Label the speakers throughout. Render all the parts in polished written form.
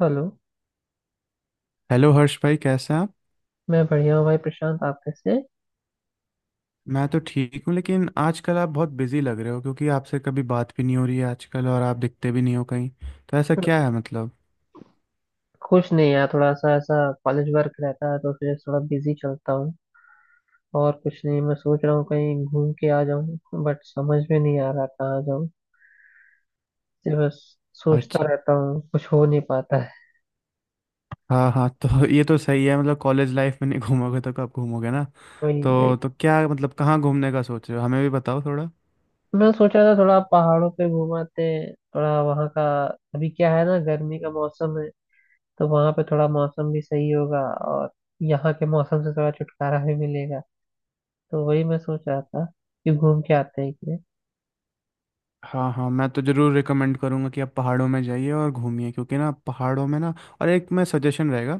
Speaker 1: Hello.
Speaker 2: Hello Harsh भाई, कैसे हैं आप।
Speaker 1: मैं बढ़िया हूँ भाई प्रशांत, आप कैसे हैं?
Speaker 2: मैं तो ठीक हूँ, लेकिन आजकल आप बहुत बिजी लग रहे हो क्योंकि आपसे कभी बात भी नहीं हो रही है आजकल, और आप दिखते भी नहीं हो कहीं। तो ऐसा क्या है मतलब।
Speaker 1: कुछ नहीं यार, थोड़ा सा ऐसा कॉलेज वर्क रहता है तो फिर थोड़ा बिजी चलता हूँ। और कुछ नहीं, मैं सोच रहा हूँ कहीं घूम के आ जाऊँ, बट समझ में नहीं आ रहा कहाँ जाऊँ। सिर्फ बस
Speaker 2: अच्छा।
Speaker 1: सोचता रहता हूँ, कुछ हो नहीं पाता है।
Speaker 2: हाँ हाँ, तो ये तो सही है, मतलब कॉलेज लाइफ में नहीं घूमोगे तो कब घूमोगे ना।
Speaker 1: वही वही,
Speaker 2: तो क्या मतलब कहाँ घूमने का सोच रहे हो, हमें भी बताओ थोड़ा।
Speaker 1: मैं सोच रहा था थोड़ा पहाड़ों पे घुमाते हैं, थोड़ा वहाँ का अभी क्या है ना, गर्मी का मौसम है तो वहाँ पे थोड़ा मौसम भी सही होगा और यहाँ के मौसम से थोड़ा छुटकारा भी मिलेगा। तो वही मैं सोच रहा था कि घूम के आते हैं कि।
Speaker 2: हाँ हाँ, मैं तो ज़रूर रिकमेंड करूँगा कि आप पहाड़ों में जाइए और घूमिए, क्योंकि ना पहाड़ों में ना। और एक मैं सजेशन रहेगा,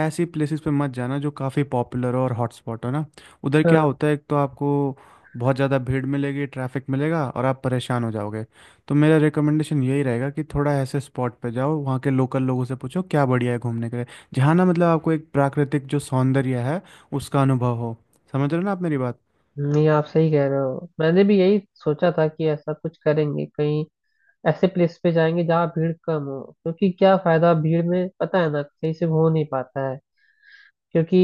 Speaker 2: ऐसी प्लेसेस पे मत जाना जो काफ़ी पॉपुलर हो और हॉटस्पॉट हो ना। उधर क्या
Speaker 1: हाँ।
Speaker 2: होता है, एक तो आपको बहुत ज़्यादा भीड़ मिलेगी, ट्रैफिक मिलेगा और आप परेशान हो जाओगे। तो मेरा रिकमेंडेशन यही रहेगा कि थोड़ा ऐसे स्पॉट पे जाओ, वहाँ के लोकल लोगों से पूछो क्या बढ़िया है घूमने के लिए, जहाँ ना मतलब आपको एक प्राकृतिक जो सौंदर्य है उसका अनुभव हो। समझ रहे हो ना आप मेरी बात।
Speaker 1: नहीं, आप सही कह रहे हो, मैंने भी यही सोचा था कि ऐसा कुछ करेंगे कहीं, ऐसे प्लेस पे जाएंगे जहाँ भीड़ कम हो, क्योंकि क्या फायदा भीड़ में, पता है ना, सही से हो नहीं पाता है। क्योंकि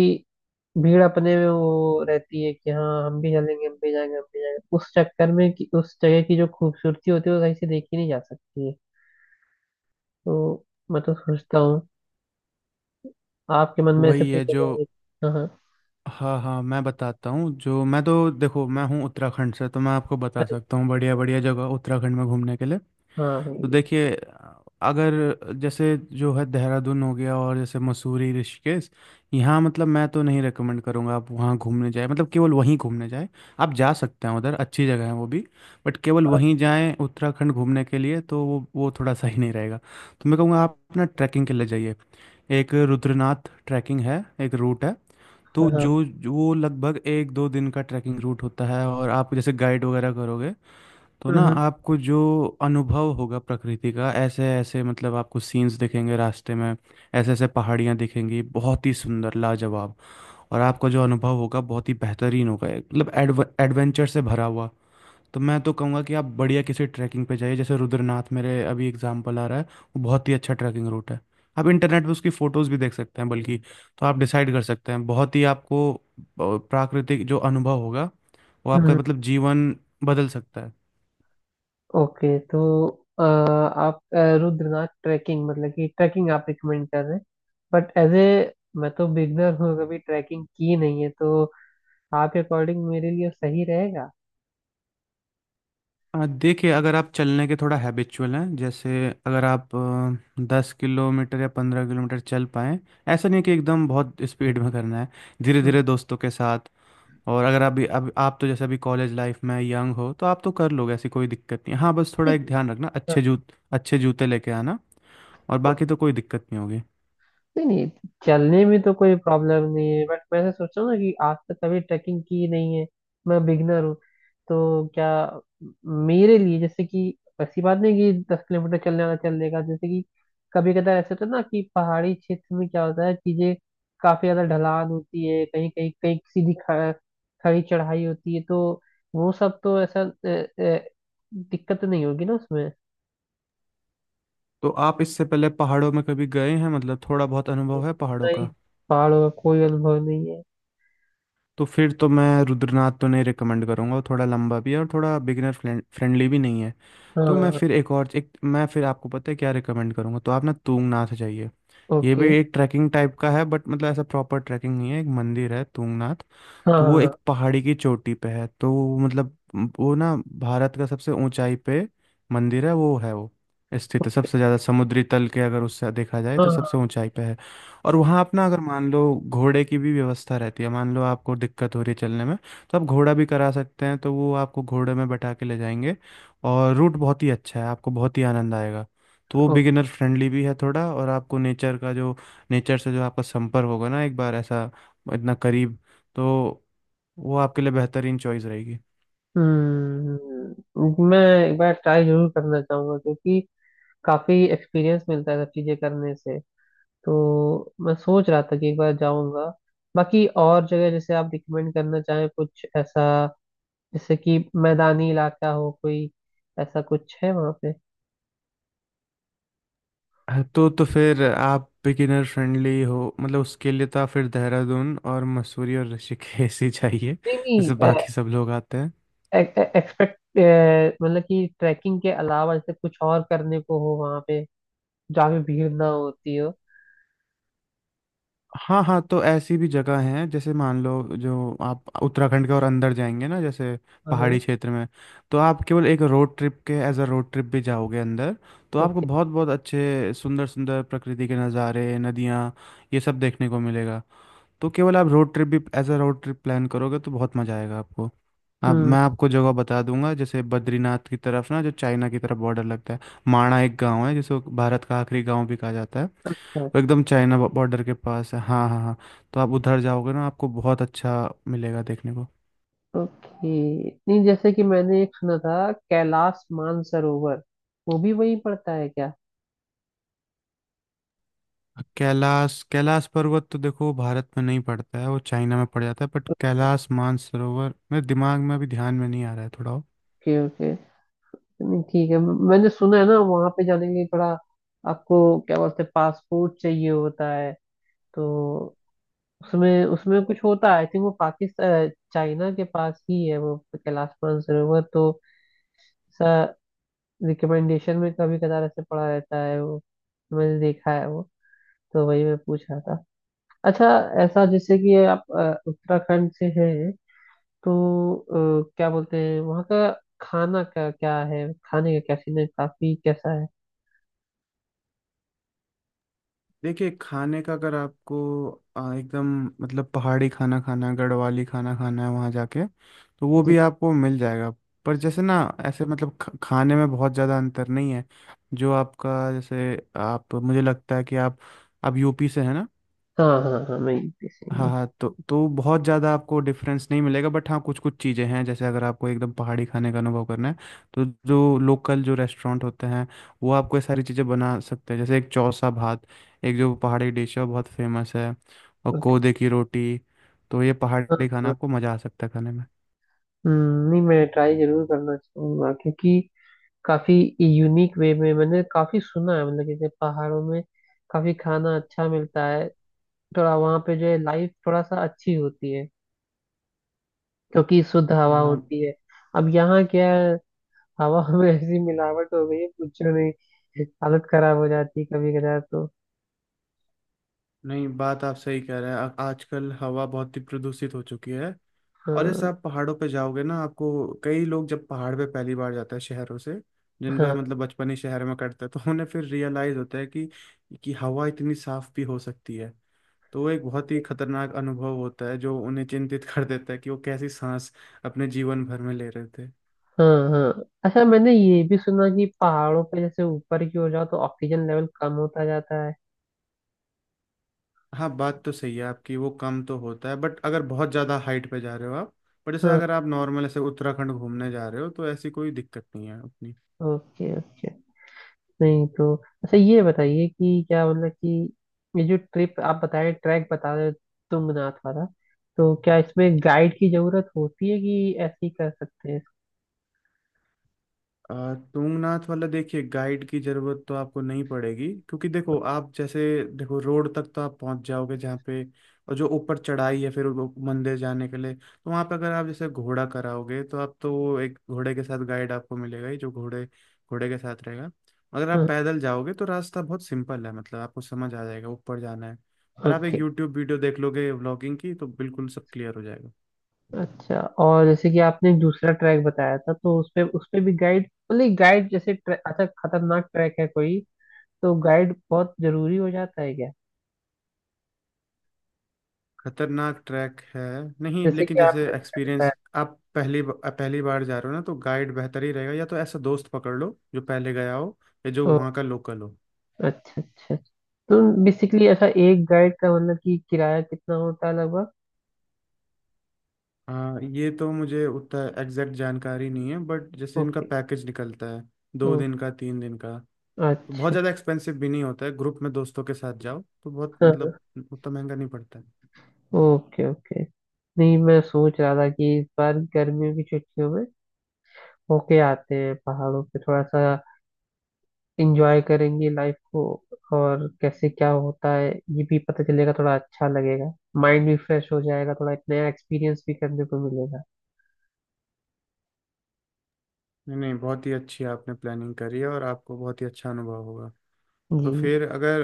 Speaker 1: भीड़ अपने में वो रहती है कि हाँ हम भी चलेंगे, हम भी जाएंगे, हम भी जाएंगे, उस चक्कर में कि उस जगह की जो खूबसूरती होती है वो सही से देखी नहीं जा सकती है। तो मैं तो सोचता हूँ, आपके मन में ऐसे
Speaker 2: वही
Speaker 1: कोई
Speaker 2: है जो।
Speaker 1: जगह है? हाँ हाँ।
Speaker 2: हाँ हाँ, मैं बताता हूँ। जो मैं तो, देखो मैं हूँ उत्तराखंड से, तो मैं आपको बता सकता हूँ बढ़िया बढ़िया जगह उत्तराखंड में घूमने के लिए।
Speaker 1: हाँ
Speaker 2: तो
Speaker 1: भाई।
Speaker 2: देखिए, अगर जैसे जो है देहरादून हो गया और जैसे मसूरी ऋषिकेश, यहाँ मतलब मैं तो नहीं रेकमेंड करूँगा आप वहाँ घूमने जाए, मतलब केवल वहीं घूमने जाए। आप जा सकते हैं उधर, अच्छी जगह है वो भी, बट केवल वहीं जाएं उत्तराखंड घूमने के लिए, तो वो थोड़ा सही नहीं रहेगा। तो मैं कहूँगा आप ना ट्रैकिंग के लिए जाइए। एक रुद्रनाथ ट्रैकिंग है, एक रूट है।
Speaker 1: हाँ
Speaker 2: तो
Speaker 1: हाँ।
Speaker 2: जो जो वो लगभग 1-2 दिन का ट्रैकिंग रूट होता है, और आप जैसे गाइड वगैरह करोगे तो ना
Speaker 1: हम्म।
Speaker 2: आपको जो अनुभव होगा प्रकृति का, ऐसे ऐसे, मतलब आपको सीन्स दिखेंगे रास्ते में, ऐसे ऐसे पहाड़ियाँ दिखेंगी बहुत ही सुंदर, लाजवाब। और आपका जो अनुभव होगा बहुत ही बेहतरीन होगा, एक, मतलब एडवेंचर से भरा हुआ। तो मैं तो कहूँगा कि आप बढ़िया किसी ट्रैकिंग पे जाइए, जैसे रुद्रनाथ मेरे अभी एग्जाम्पल आ रहा है। वो बहुत ही अच्छा ट्रैकिंग रूट है। आप इंटरनेट पे उसकी फ़ोटोज़ भी देख सकते हैं बल्कि, तो आप डिसाइड कर सकते हैं। बहुत ही आपको प्राकृतिक जो अनुभव होगा वो आपका
Speaker 1: हम्म।
Speaker 2: मतलब जीवन बदल सकता है।
Speaker 1: ओके तो आप रुद्रनाथ ट्रैकिंग मतलब कि ट्रैकिंग आप रिकमेंड कर रहे हैं, बट एज ए मैं तो बिगनर हूँ, कभी ट्रैकिंग की नहीं है, तो आपके अकॉर्डिंग मेरे लिए सही रहेगा?
Speaker 2: देखिए, अगर आप चलने के थोड़ा हैबिचुअल हैं, जैसे अगर आप 10 किलोमीटर या 15 किलोमीटर चल पाएं, ऐसा नहीं है कि एकदम बहुत स्पीड में करना है, धीरे धीरे दोस्तों के साथ। और अगर अभी अब आप तो जैसे अभी कॉलेज लाइफ में यंग हो, तो आप तो कर लोगे, ऐसी कोई दिक्कत नहीं। हाँ बस थोड़ा एक
Speaker 1: नहीं,
Speaker 2: ध्यान रखना, अच्छे जूते लेके आना, और बाकी
Speaker 1: ओके।
Speaker 2: तो कोई दिक्कत नहीं होगी।
Speaker 1: नहीं नहीं, चलने में तो कोई प्रॉब्लम नहीं है, बट मैं ऐसा सोच रहा हूँ ना कि आज तक कभी ट्रैकिंग की नहीं है, मैं बिगनर हूँ। तो क्या मेरे लिए जैसे कि ऐसी बात नहीं कि 10 किलोमीटर चलने वाला चल लेगा, जैसे कि कभी कदार ऐसा होता है ना कि पहाड़ी क्षेत्र में क्या होता है, चीजें काफी ज्यादा ढलान होती है, कहीं कहीं कहीं सीधी खड़ी चढ़ाई होती है, तो वो सब तो ऐसा दिक्कत नहीं होगी ना उसमें?
Speaker 2: तो आप इससे पहले पहाड़ों में कभी गए हैं, मतलब थोड़ा बहुत अनुभव है पहाड़ों
Speaker 1: नहीं,
Speaker 2: का।
Speaker 1: पहाड़ों का कोई अनुभव नहीं है।
Speaker 2: तो फिर तो मैं रुद्रनाथ तो नहीं रिकमेंड करूँगा, वो थोड़ा लंबा भी है और थोड़ा बिगिनर फ्रेंडली भी नहीं है। तो मैं
Speaker 1: हाँ।
Speaker 2: फिर एक और एक मैं फिर आपको पता है क्या रिकमेंड करूँगा, तो आप ना तुंगनाथ जाइए। ये
Speaker 1: ओके।
Speaker 2: भी एक ट्रैकिंग टाइप का है, बट मतलब ऐसा प्रॉपर ट्रैकिंग नहीं है, एक मंदिर है तुंगनाथ।
Speaker 1: हाँ
Speaker 2: तो वो
Speaker 1: हाँ।
Speaker 2: एक पहाड़ी की चोटी पे है, तो वो मतलब वो ना भारत का सबसे ऊंचाई पे मंदिर है, वो है, वो स्थित है
Speaker 1: ओके।
Speaker 2: सबसे ज़्यादा समुद्री तल के, अगर उससे देखा जाए
Speaker 1: हाँ
Speaker 2: तो
Speaker 1: हाँ।
Speaker 2: सबसे ऊंचाई पे है। और वहाँ अपना अगर मान लो घोड़े की भी व्यवस्था रहती है, मान लो आपको दिक्कत हो रही है चलने में, तो आप घोड़ा भी करा सकते हैं, तो वो आपको घोड़े में बैठा के ले जाएंगे। और रूट बहुत ही अच्छा है, आपको बहुत ही आनंद आएगा। तो वो
Speaker 1: ओ-।
Speaker 2: बिगिनर फ्रेंडली भी है थोड़ा, और आपको नेचर का जो, नेचर से जो आपका संपर्क होगा ना एक बार, ऐसा इतना करीब, तो वो आपके लिए बेहतरीन चॉइस रहेगी।
Speaker 1: हम्म, मैं एक बार ट्राई जरूर करना चाहूंगा क्योंकि काफी एक्सपीरियंस मिलता है सब चीजें करने से। तो मैं सोच रहा था कि एक बार जाऊंगा। बाकी और जगह जैसे आप रिकमेंड करना चाहें कुछ ऐसा, जैसे कि मैदानी इलाका हो कोई, ऐसा कुछ है वहाँ पे?
Speaker 2: हाँ, तो फिर आप बिगिनर फ्रेंडली हो, मतलब उसके लिए तो आप फिर देहरादून और मसूरी और ऋषिकेश ही चाहिए,
Speaker 1: नहीं
Speaker 2: जैसे
Speaker 1: नहीं,
Speaker 2: बाकी सब लोग आते हैं।
Speaker 1: एक्सपेक्ट मतलब कि ट्रैकिंग के अलावा जैसे कुछ और करने को हो वहाँ पे, जहाँ पे भीड़ ना होती हो।
Speaker 2: हाँ हाँ, तो ऐसी भी जगह हैं, जैसे मान लो जो आप उत्तराखंड के और अंदर जाएंगे ना, जैसे
Speaker 1: हाँ।
Speaker 2: पहाड़ी क्षेत्र में, तो आप केवल एक रोड ट्रिप के एज अ रोड ट्रिप भी जाओगे अंदर, तो आपको
Speaker 1: ओके।
Speaker 2: बहुत बहुत अच्छे सुंदर सुंदर प्रकृति के नज़ारे, नदियाँ, ये सब देखने को मिलेगा। तो केवल आप रोड ट्रिप भी as a road trip plan करोगे तो बहुत मज़ा आएगा आपको। आप,
Speaker 1: हम्म।
Speaker 2: मैं आपको जगह बता दूंगा, जैसे बद्रीनाथ की तरफ ना, जो चाइना की तरफ बॉर्डर लगता है, माणा एक गांव है जिसको भारत का आखिरी गांव भी कहा जाता है,
Speaker 1: अच्छा
Speaker 2: वो
Speaker 1: अच्छा।
Speaker 2: एकदम चाइना बॉर्डर के पास है। हाँ हाँ हाँ, तो आप उधर जाओगे ना आपको बहुत अच्छा मिलेगा देखने को।
Speaker 1: ओके। नहीं, जैसे कि मैंने एक सुना था कैलाश मानसरोवर, वो भी वहीं पड़ता है क्या?
Speaker 2: कैलाश कैलाश पर्वत तो देखो भारत में नहीं पड़ता है, वो चाइना में पड़ जाता है, बट कैलाश मानसरोवर मेरे दिमाग में अभी ध्यान में नहीं आ रहा है थोड़ा।
Speaker 1: Okay okay. नहीं, ठीक है। मैंने सुना है ना वहां पे जाने के लिए थोड़ा आपको क्या बोलते हैं, पासपोर्ट चाहिए होता है, तो उसमें उसमें कुछ होता है, आई थिंक वो पाकिस्तान चाइना के पास ही है, वो कैलाश मानसरोवर तो ऐसा रिकमेंडेशन में कभी कदार ऐसे पड़ा रहता है वो, मैंने देखा है वो, तो वही मैं पूछ रहा था। अच्छा, ऐसा जैसे कि ये आप उत्तराखंड से हैं, तो क्या बोलते हैं वहाँ का खाना का क्या है, खाने का क्या सीन है, काफी कैसा है?
Speaker 2: देखिए, खाने का अगर आपको एकदम, मतलब पहाड़ी खाना खाना है, गढ़वाली खाना खाना है वहाँ जाके, तो वो
Speaker 1: जी।
Speaker 2: भी आपको मिल जाएगा। पर जैसे ना, ऐसे मतलब खाने में बहुत ज़्यादा अंतर नहीं है। जो आपका जैसे, आप मुझे लगता है कि आप यूपी से है ना।
Speaker 1: हाँ हाँ हाँ, मैं यूपी से
Speaker 2: हाँ
Speaker 1: हूँ।
Speaker 2: हाँ, तो बहुत ज़्यादा आपको डिफरेंस नहीं मिलेगा, बट हाँ कुछ कुछ चीज़ें हैं, जैसे अगर आपको एकदम पहाड़ी खाने का अनुभव करना है, तो जो लोकल जो रेस्टोरेंट होते हैं, वो आपको ये सारी चीज़ें बना सकते हैं। जैसे एक चौसा भात, एक जो पहाड़ी डिश है वो बहुत फेमस है, और
Speaker 1: ओके।
Speaker 2: कोदे की रोटी। तो ये
Speaker 1: हाँ।
Speaker 2: पहाड़ी खाना
Speaker 1: हाँ।
Speaker 2: आपको मज़ा आ सकता है खाने में।
Speaker 1: नहीं मैं ट्राई जरूर करना चाहूंगा क्योंकि काफी यूनिक वे में मैंने काफी सुना है, मतलब जैसे पहाड़ों में काफी खाना अच्छा मिलता है। थोड़ा वहाँ पे जो है लाइफ थोड़ा सा अच्छी होती है क्योंकि शुद्ध हवा
Speaker 2: हाँ।
Speaker 1: होती है। अब यहाँ क्या है, हवा में ऐसी मिलावट हो गई है, पूछो नहीं, हालत खराब हो जाती है कभी कदार तो।
Speaker 2: नहीं बात आप सही कह रहे हैं, आजकल हवा बहुत ही प्रदूषित हो चुकी है। और जैसे
Speaker 1: हाँ।
Speaker 2: आप पहाड़ों पे जाओगे ना आपको, कई लोग जब पहाड़ पे पहली बार जाते हैं शहरों से, जिनका
Speaker 1: हाँ।
Speaker 2: मतलब बचपन ही शहर में कटता है, तो उन्हें फिर रियलाइज होता है कि हवा इतनी साफ भी हो सकती है। तो वो एक बहुत ही खतरनाक अनुभव होता है जो उन्हें चिंतित कर देता है कि वो कैसी सांस अपने जीवन भर में ले रहे थे।
Speaker 1: हाँ। हाँ, अच्छा मैंने ये भी सुना कि पहाड़ों पे जैसे ऊपर की ओर जाओ तो ऑक्सीजन लेवल कम होता जाता है।
Speaker 2: हाँ बात तो सही है आपकी, वो कम तो होता है, बट अगर बहुत ज़्यादा हाइट पे जा रहे हो आप। पर जैसे
Speaker 1: हाँ।
Speaker 2: अगर आप नॉर्मल ऐसे उत्तराखंड घूमने जा रहे हो तो ऐसी कोई दिक्कत नहीं है अपनी।
Speaker 1: Okay okay. नहीं तो अच्छा ये बताइए कि क्या मतलब कि ये जो ट्रिप आप बता रहे, ट्रैक बता रहे तुंगनाथ वाला, तो क्या इसमें गाइड की जरूरत होती है कि ऐसे ही कर सकते हैं?
Speaker 2: अ, तुंगनाथ वाला, देखिए गाइड की जरूरत तो आपको नहीं पड़ेगी, क्योंकि देखो आप जैसे, देखो रोड तक तो आप पहुंच जाओगे जहाँ पे, और जो ऊपर चढ़ाई है फिर वो मंदिर जाने के लिए, तो वहाँ पे अगर आप जैसे घोड़ा कराओगे तो आप तो, वो एक घोड़े के साथ गाइड आपको मिलेगा ही जो घोड़े घोड़े के साथ रहेगा। अगर आप
Speaker 1: हाँ।
Speaker 2: पैदल जाओगे तो रास्ता बहुत सिंपल है, मतलब आपको समझ आ जाएगा ऊपर जाना है, और आप एक
Speaker 1: ओके।
Speaker 2: यूट्यूब वीडियो देख लोगे व्लॉगिंग की तो बिल्कुल सब क्लियर हो जाएगा।
Speaker 1: अच्छा, और जैसे कि आपने एक दूसरा ट्रैक बताया था, तो उस पे भी गाइड, मतलब गाइड जैसे, ट्रैक अच्छा खतरनाक ट्रैक है कोई, तो गाइड बहुत जरूरी हो जाता है क्या?
Speaker 2: खतरनाक ट्रैक है। नहीं
Speaker 1: जैसे
Speaker 2: लेकिन
Speaker 1: कि
Speaker 2: जैसे
Speaker 1: आपने दिखा बताया।
Speaker 2: एक्सपीरियंस, आप पहली बार जा रहे हो ना, तो गाइड बेहतर ही रहेगा, या तो ऐसा दोस्त पकड़ लो जो पहले गया हो, या जो
Speaker 1: ओ,
Speaker 2: वहाँ का लोकल हो।
Speaker 1: अच्छा अच्छा अच्छा। तो बेसिकली ऐसा एक गाइड का मतलब कि किराया कितना होता है लगभग?
Speaker 2: हाँ ये तो मुझे उतना एग्जैक्ट जानकारी नहीं है, बट जैसे इनका
Speaker 1: ओके।
Speaker 2: पैकेज निकलता है
Speaker 1: ओ,
Speaker 2: 2 दिन का 3 दिन का, तो बहुत
Speaker 1: अच्छा
Speaker 2: ज़्यादा
Speaker 1: अच्छा।
Speaker 2: एक्सपेंसिव भी नहीं होता है। ग्रुप में दोस्तों के साथ जाओ तो बहुत
Speaker 1: हाँ।
Speaker 2: मतलब उतना महंगा नहीं पड़ता है।
Speaker 1: Okay okay. नहीं मैं सोच रहा था कि इस बार गर्मियों की छुट्टियों में होके आते हैं पहाड़ों पे, थोड़ा सा इंजॉय करेंगे लाइफ को, और कैसे क्या होता है ये भी पता चलेगा, थोड़ा अच्छा लगेगा, माइंड भी फ्रेश हो जाएगा, थोड़ा एक नया एक्सपीरियंस भी करने को मिलेगा।
Speaker 2: नहीं नहीं, बहुत ही अच्छी आपने प्लानिंग करी है और आपको बहुत ही अच्छा अनुभव होगा। तो
Speaker 1: जी।
Speaker 2: फिर अगर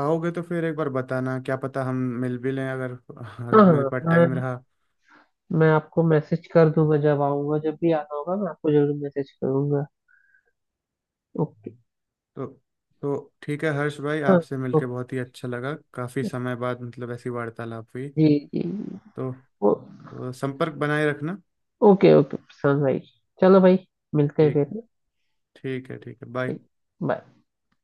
Speaker 2: आओगे तो फिर एक बार बताना, क्या पता हम मिल भी लें, अगर,
Speaker 1: हाँ
Speaker 2: अगर मेरे पास
Speaker 1: हाँ,
Speaker 2: टाइम
Speaker 1: मैं
Speaker 2: रहा।
Speaker 1: मैं आपको मैसेज कर दूंगा जब आऊंगा, जब भी आना होगा मैं आपको जरूर मैसेज करूंगा। ओके।
Speaker 2: तो तो ठीक है हर्ष भाई,
Speaker 1: हाँ।
Speaker 2: आपसे मिलके
Speaker 1: ओके।
Speaker 2: बहुत ही अच्छा लगा, काफ़ी समय बाद मतलब ऐसी वार्तालाप हुई।
Speaker 1: जी। जी जी।
Speaker 2: तो,
Speaker 1: ओ,
Speaker 2: तो संपर्क बनाए रखना।
Speaker 1: ओके ओके प्रशांत भाई, चलो भाई, मिलते हैं
Speaker 2: ठीक है,
Speaker 1: फिर।
Speaker 2: ठीक है ठीक है, बाय।
Speaker 1: ठीक, बाय।